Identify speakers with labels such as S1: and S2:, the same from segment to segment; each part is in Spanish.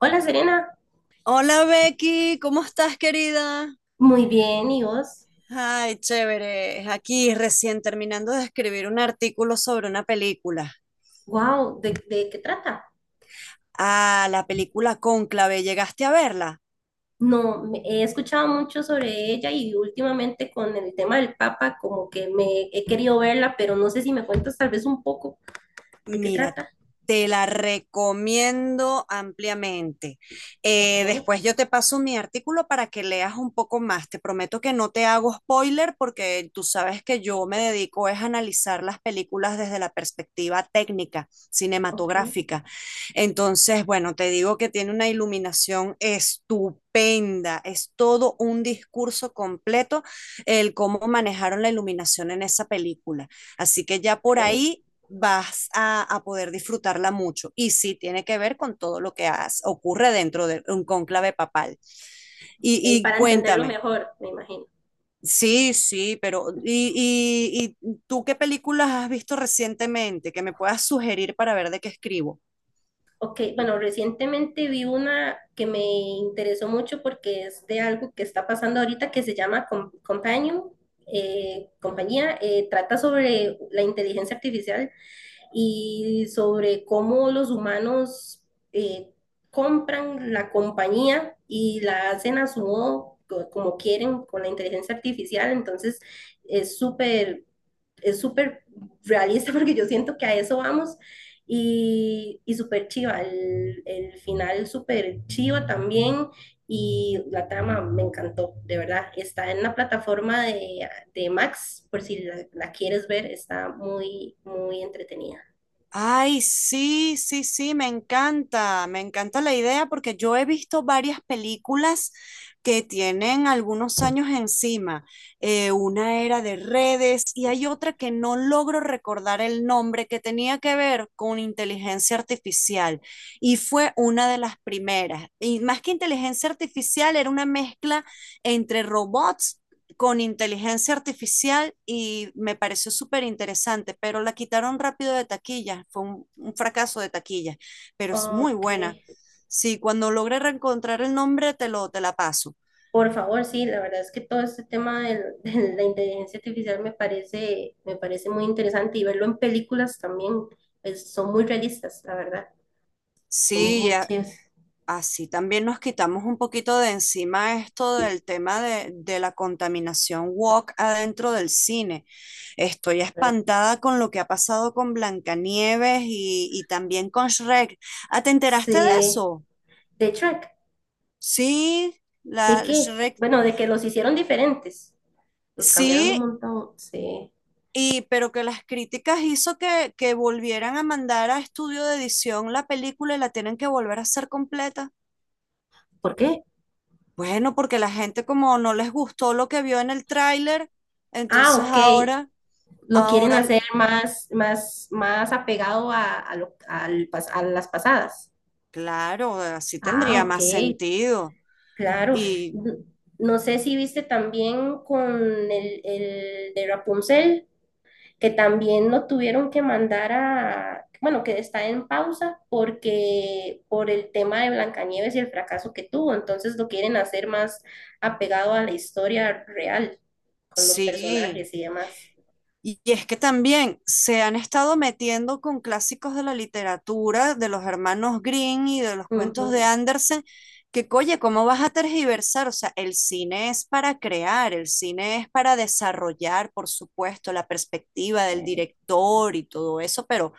S1: Hola Serena,
S2: Hola Becky, ¿cómo estás querida?
S1: muy bien, ¿y vos?
S2: Ay, chévere. Aquí recién terminando de escribir un artículo sobre una película.
S1: Wow, ¿de qué trata?
S2: Ah, la película Cónclave, ¿llegaste a verla?
S1: No, he escuchado mucho sobre ella y últimamente con el tema del Papa, como que me he querido verla, pero no sé si me cuentas tal vez un poco de qué
S2: Mira,
S1: trata.
S2: te la recomiendo ampliamente.
S1: Ok,
S2: Después yo te paso mi artículo para que leas un poco más. Te prometo que no te hago spoiler porque tú sabes que yo me dedico es a analizar las películas desde la perspectiva técnica,
S1: ok,
S2: cinematográfica. Entonces, bueno, te digo que tiene una iluminación estupenda. Es todo un discurso completo el cómo manejaron la iluminación en esa película. Así que ya por
S1: ok,
S2: ahí vas a poder disfrutarla mucho. Y sí, tiene que ver con todo lo que has, ocurre dentro de un cónclave papal. Y,
S1: ok,
S2: y
S1: para entenderlo
S2: cuéntame,
S1: mejor, me imagino.
S2: sí, sí, pero ¿y tú qué películas has visto recientemente que me puedas sugerir para ver de qué escribo?
S1: Ok, bueno, recientemente vi una que me interesó mucho porque es de algo que está pasando ahorita que se llama Companion, compañía, trata sobre la inteligencia artificial y sobre cómo los humanos eh, compran la compañía y la hacen a su modo, como quieren, con la inteligencia artificial. Entonces, es súper, es súper realista porque yo siento que a eso vamos. Y súper chiva, el final súper chiva también. Y la trama me encantó, de verdad. Está en la plataforma de Max, por si la quieres ver, está muy, muy entretenida.
S2: Ay, sí, sí, sí, me encanta la idea porque yo he visto varias películas que tienen algunos años encima. Una era de redes y hay otra que no logro recordar el nombre que tenía que ver con inteligencia artificial y fue una de las primeras. Y más que inteligencia artificial, era una mezcla entre robots con inteligencia artificial y me pareció súper interesante, pero la quitaron rápido de taquilla, fue un fracaso de taquilla, pero es
S1: Oh,
S2: muy
S1: ok,
S2: buena. Sí, cuando logre reencontrar el nombre te la paso.
S1: por favor, sí, la verdad es que todo este tema de la inteligencia artificial me parece muy interesante y verlo en películas también, pues, son muy realistas, la verdad, son
S2: Sí,
S1: muy
S2: a-
S1: chidas.
S2: así también nos quitamos un poquito de encima esto del tema de la contaminación walk adentro del cine. Estoy
S1: A ver,
S2: espantada con lo que ha pasado con Blancanieves y también con Shrek. ¿Ah, te enteraste de
S1: sí,
S2: eso?
S1: de Shrek,
S2: Sí,
S1: ¿de
S2: la
S1: qué?
S2: Shrek,
S1: Bueno, de que los hicieron diferentes, los cambiaron un
S2: sí,
S1: montón, sí.
S2: y, pero que las críticas hizo que volvieran a mandar a estudio de edición la película y la tienen que volver a hacer completa.
S1: ¿Por qué?
S2: Bueno, porque la gente como no les gustó lo que vio en el tráiler,
S1: Ah,
S2: entonces
S1: ok,
S2: ahora,
S1: lo quieren
S2: ahora,
S1: hacer más apegado a a las pasadas.
S2: claro, así
S1: Ah,
S2: tendría
S1: ok,
S2: más sentido.
S1: claro,
S2: Y
S1: n- no sé si viste también con el de Rapunzel, que también lo tuvieron que mandar a, bueno, que está en pausa porque por el tema de Blancanieves y el fracaso que tuvo, entonces lo quieren hacer más apegado a la historia real, con los
S2: sí,
S1: personajes y demás.
S2: y es que también se han estado metiendo con clásicos de la literatura, de los hermanos Green y de los cuentos de
S1: Ujú,
S2: Andersen, que, oye, ¿cómo vas a tergiversar? O sea, el cine es para crear, el cine es para desarrollar, por supuesto, la perspectiva del
S1: sí,
S2: director y todo eso,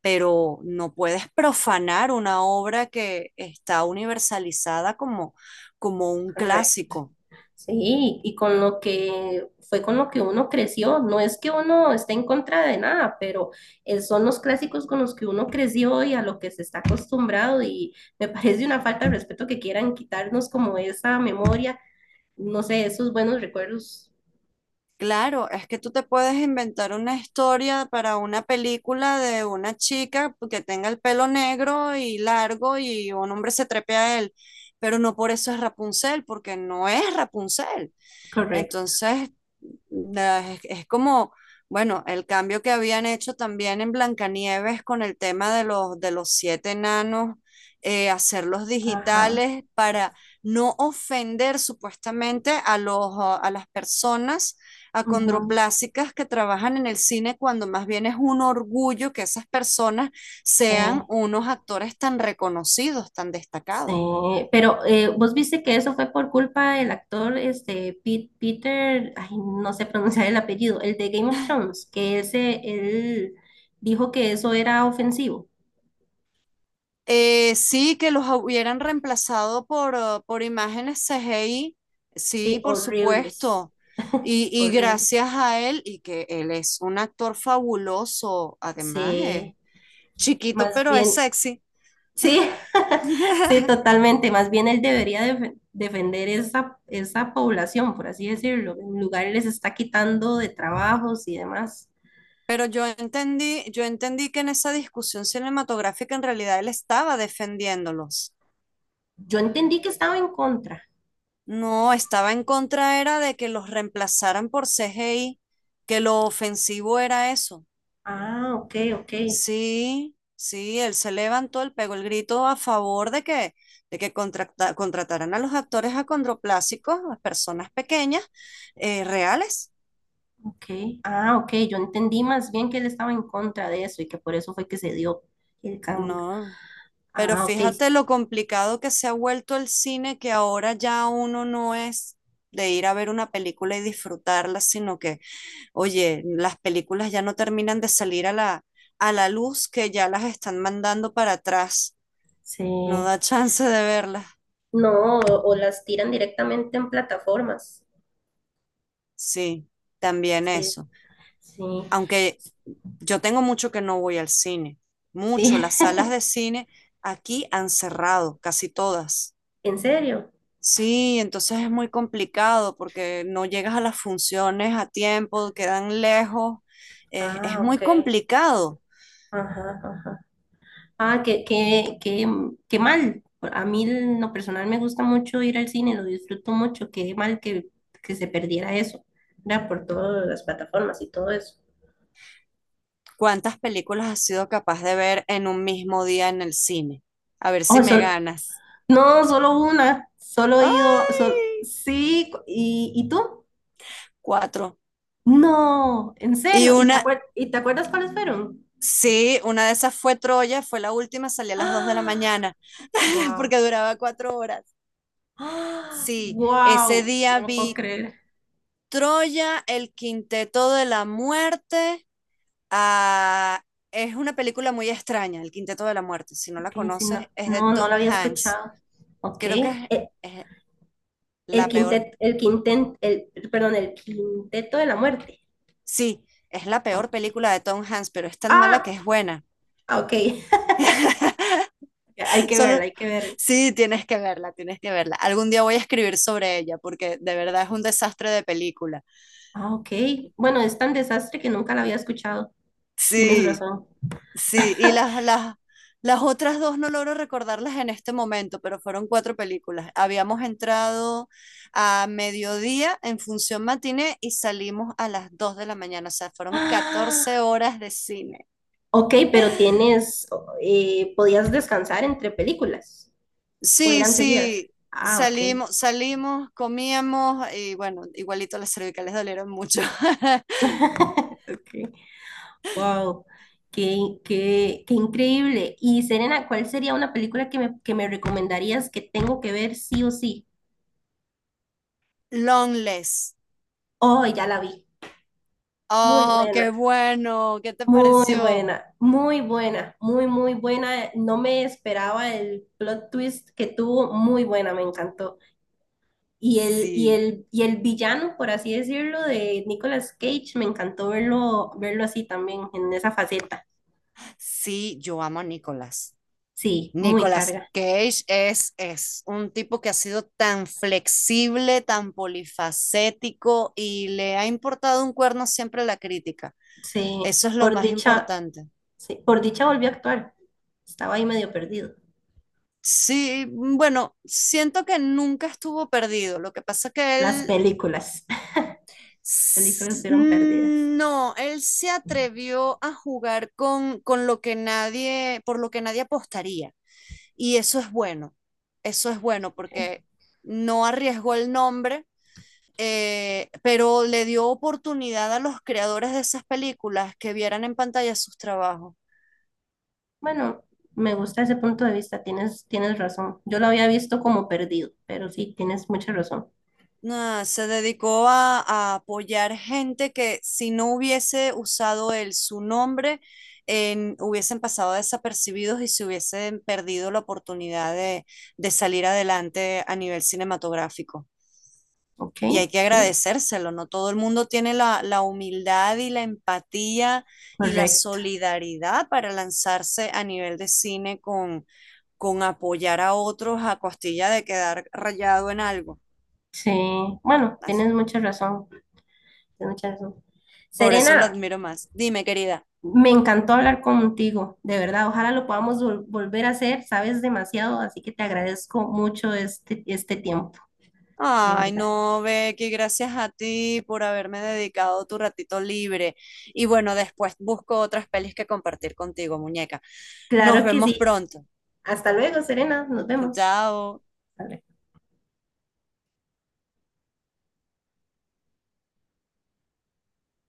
S2: pero no puedes profanar una obra que está universalizada como, como un
S1: correcto.
S2: clásico.
S1: Sí, y con lo que fue con lo que uno creció, no es que uno esté en contra de nada, pero son los clásicos con los que uno creció y a lo que se está acostumbrado y me parece una falta de respeto que quieran quitarnos como esa memoria, no sé, esos buenos recuerdos.
S2: Claro, es que tú te puedes inventar una historia para una película de una chica que tenga el pelo negro y largo y un hombre se trepe a él, pero no por eso es Rapunzel, porque no es Rapunzel.
S1: Correcto.
S2: Entonces, la- es como, bueno, el cambio que habían hecho también en Blancanieves con el tema de de los siete enanos, hacerlos
S1: Ajá.
S2: digitales para no ofender supuestamente a los, a las personas
S1: Ujú,
S2: acondroplásicas que trabajan en el cine, cuando más bien es un orgullo que esas personas
S1: sí.
S2: sean unos actores tan reconocidos, tan destacados.
S1: Sí, pero vos viste que eso fue por culpa del actor este Peter, ay, no sé pronunciar el apellido, el de Game of Thrones, que ese él dijo que eso era ofensivo.
S2: Sí, que los hubieran reemplazado por imágenes CGI,
S1: Sí,
S2: sí, por
S1: horribles,
S2: supuesto. Y
S1: horribles.
S2: gracias a él, y que él es un actor fabuloso, además es
S1: Sí,
S2: chiquito,
S1: más
S2: pero es
S1: bien,
S2: sexy.
S1: sí, sí, totalmente. Más bien él debería defender esa población, por así decirlo. En lugar les está quitando de trabajos y demás.
S2: Yo entendí que en esa discusión cinematográfica en realidad él estaba defendiéndolos.
S1: Yo entendí que estaba en contra.
S2: No, estaba en contra era de que los reemplazaran por CGI, que lo ofensivo era eso.
S1: Ah, ok, ok.
S2: Sí, sí, él se levantó, él pegó el grito a favor de que contrata- contrataran a los actores acondroplásicos, a personas pequeñas, reales.
S1: Ok. Ah, ok. Yo entendí más bien que él estaba en contra de eso y que por eso fue que se dio el cambio.
S2: No, pero
S1: Ah, ok.
S2: fíjate lo complicado que se ha vuelto el cine, que ahora ya uno no es de ir a ver una película y disfrutarla, sino que, oye, las películas ya no terminan de salir a a la luz, que ya las están mandando para atrás.
S1: Se...
S2: No da chance de verlas.
S1: No, o las tiran directamente en plataformas.
S2: Sí, también
S1: Sí,
S2: eso.
S1: sí,
S2: Aunque yo tengo mucho que no voy al cine, mucho.
S1: sí.
S2: Las salas de cine aquí han cerrado, casi todas.
S1: ¿En serio?
S2: Sí, entonces es muy complicado porque no llegas a las funciones a tiempo, quedan lejos. Es
S1: Ah,
S2: muy
S1: ok.
S2: complicado.
S1: Ajá, ajá. Ah, qué mal. A mí en lo personal me gusta mucho ir al cine, lo disfruto mucho. Qué mal que se perdiera eso, ¿verdad? Por todas las plataformas y todo eso.
S2: ¿Cuántas películas has sido capaz de ver en un mismo día en el cine? A ver
S1: Oh,
S2: si me
S1: eso,
S2: ganas.
S1: no, solo una, solo he ido,
S2: ¡Ay!
S1: sí, y tú?
S2: Cuatro.
S1: No, en
S2: Y
S1: serio, ¿y
S2: una,
S1: y te acuerdas cuáles fueron?
S2: sí, una de esas fue Troya, fue la última, salí a las dos de la
S1: ¡Ah!
S2: mañana porque
S1: Wow,
S2: duraba cuatro horas.
S1: ¡ah!
S2: Sí, ese
S1: Wow, no
S2: día
S1: lo puedo
S2: vi
S1: creer.
S2: Troya, el Quinteto de la Muerte. Ah, es una película muy extraña, el Quinteto de la Muerte. Si no la
S1: Ok, sí, no,
S2: conoces, es de
S1: no, no lo
S2: Tom
S1: había
S2: Hanks.
S1: escuchado. Ok,
S2: Creo que es
S1: el
S2: la peor,
S1: quinteto, el, perdón, el Quinteto de la Muerte.
S2: sí, es la peor
S1: Ok,
S2: película de Tom Hanks, pero es tan mala que
S1: ah,
S2: es buena.
S1: ok, hay que verla,
S2: Solo,
S1: hay que verla.
S2: sí, tienes que verla, tienes que verla. Algún día voy a escribir sobre ella porque de verdad es un desastre de película.
S1: Ah, ok, bueno, es tan desastre que nunca la había escuchado, tienes
S2: Sí.
S1: razón.
S2: Sí, y las otras dos no logro recordarlas en este momento, pero fueron cuatro películas. Habíamos entrado a mediodía en función matiné y salimos a las 2 de la mañana, o sea, fueron
S1: Ah,
S2: catorce horas de cine.
S1: ok, pero tienes, podías descansar entre películas o
S2: Sí,
S1: eran seguidas.
S2: sí,
S1: Ah, ok.
S2: salimos, salimos, comíamos y bueno, igualito las cervicales dolieron mucho.
S1: Okay. Wow, qué increíble. Y Serena, ¿cuál sería una película que me recomendarías que tengo que ver sí o sí?
S2: Longless.
S1: Oh, ya la vi. Muy
S2: Oh, qué
S1: buena,
S2: bueno, ¿qué te
S1: muy
S2: pareció?
S1: buena, muy buena, muy, muy buena. No me esperaba el plot twist que tuvo. Muy buena, me encantó. Y
S2: Sí,
S1: el villano, por así decirlo, de Nicolas Cage, me encantó verlo, verlo así también, en esa faceta.
S2: sí, yo amo a Nicolás.
S1: Sí, muy
S2: Nicolas
S1: carga.
S2: Cage es un tipo que ha sido tan flexible, tan polifacético y le ha importado un cuerno siempre la crítica.
S1: Sí,
S2: Eso es lo
S1: por
S2: más
S1: dicha,
S2: importante.
S1: sí, por dicha volvió a actuar. Estaba ahí medio perdido.
S2: Sí, mm, bueno, siento que nunca estuvo perdido. Lo que pasa que
S1: Las
S2: él
S1: películas,
S2: s-
S1: películas fueron perdidas.
S2: mm, no, él se atrevió a jugar con lo que nadie, por lo que nadie apostaría. Y eso es bueno. Eso es bueno porque no arriesgó el nombre, pero le dio oportunidad a los creadores de esas películas que vieran en pantalla sus trabajos.
S1: Bueno, me gusta ese punto de vista, tienes razón. Yo lo había visto como perdido, pero sí, tienes mucha razón.
S2: Nah, se dedicó a apoyar gente que si no hubiese usado él su nombre, en- hubiesen pasado desapercibidos y se hubiesen perdido la oportunidad de salir adelante a nivel cinematográfico.
S1: Ok,
S2: Y hay que
S1: sí,
S2: agradecérselo, ¿no? Todo el mundo tiene la humildad y la empatía y la
S1: correcto.
S2: solidaridad para lanzarse a nivel de cine con apoyar a otros a costilla de quedar rayado en algo.
S1: Sí, bueno,
S2: Así.
S1: tienes mucha razón. Tienes mucha razón.
S2: Por eso lo
S1: Serena,
S2: admiro más. Dime, querida.
S1: me encantó hablar contigo, de verdad. Ojalá lo podamos volver a hacer. Sabes demasiado, así que te agradezco mucho este tiempo, de
S2: Ay,
S1: verdad.
S2: no, Becky, gracias a ti por haberme dedicado tu ratito libre. Y bueno, después busco otras pelis que compartir contigo, muñeca. Nos
S1: Claro que
S2: vemos
S1: sí.
S2: pronto.
S1: Hasta luego, Serena. Nos vemos.
S2: Chao.
S1: Hasta luego.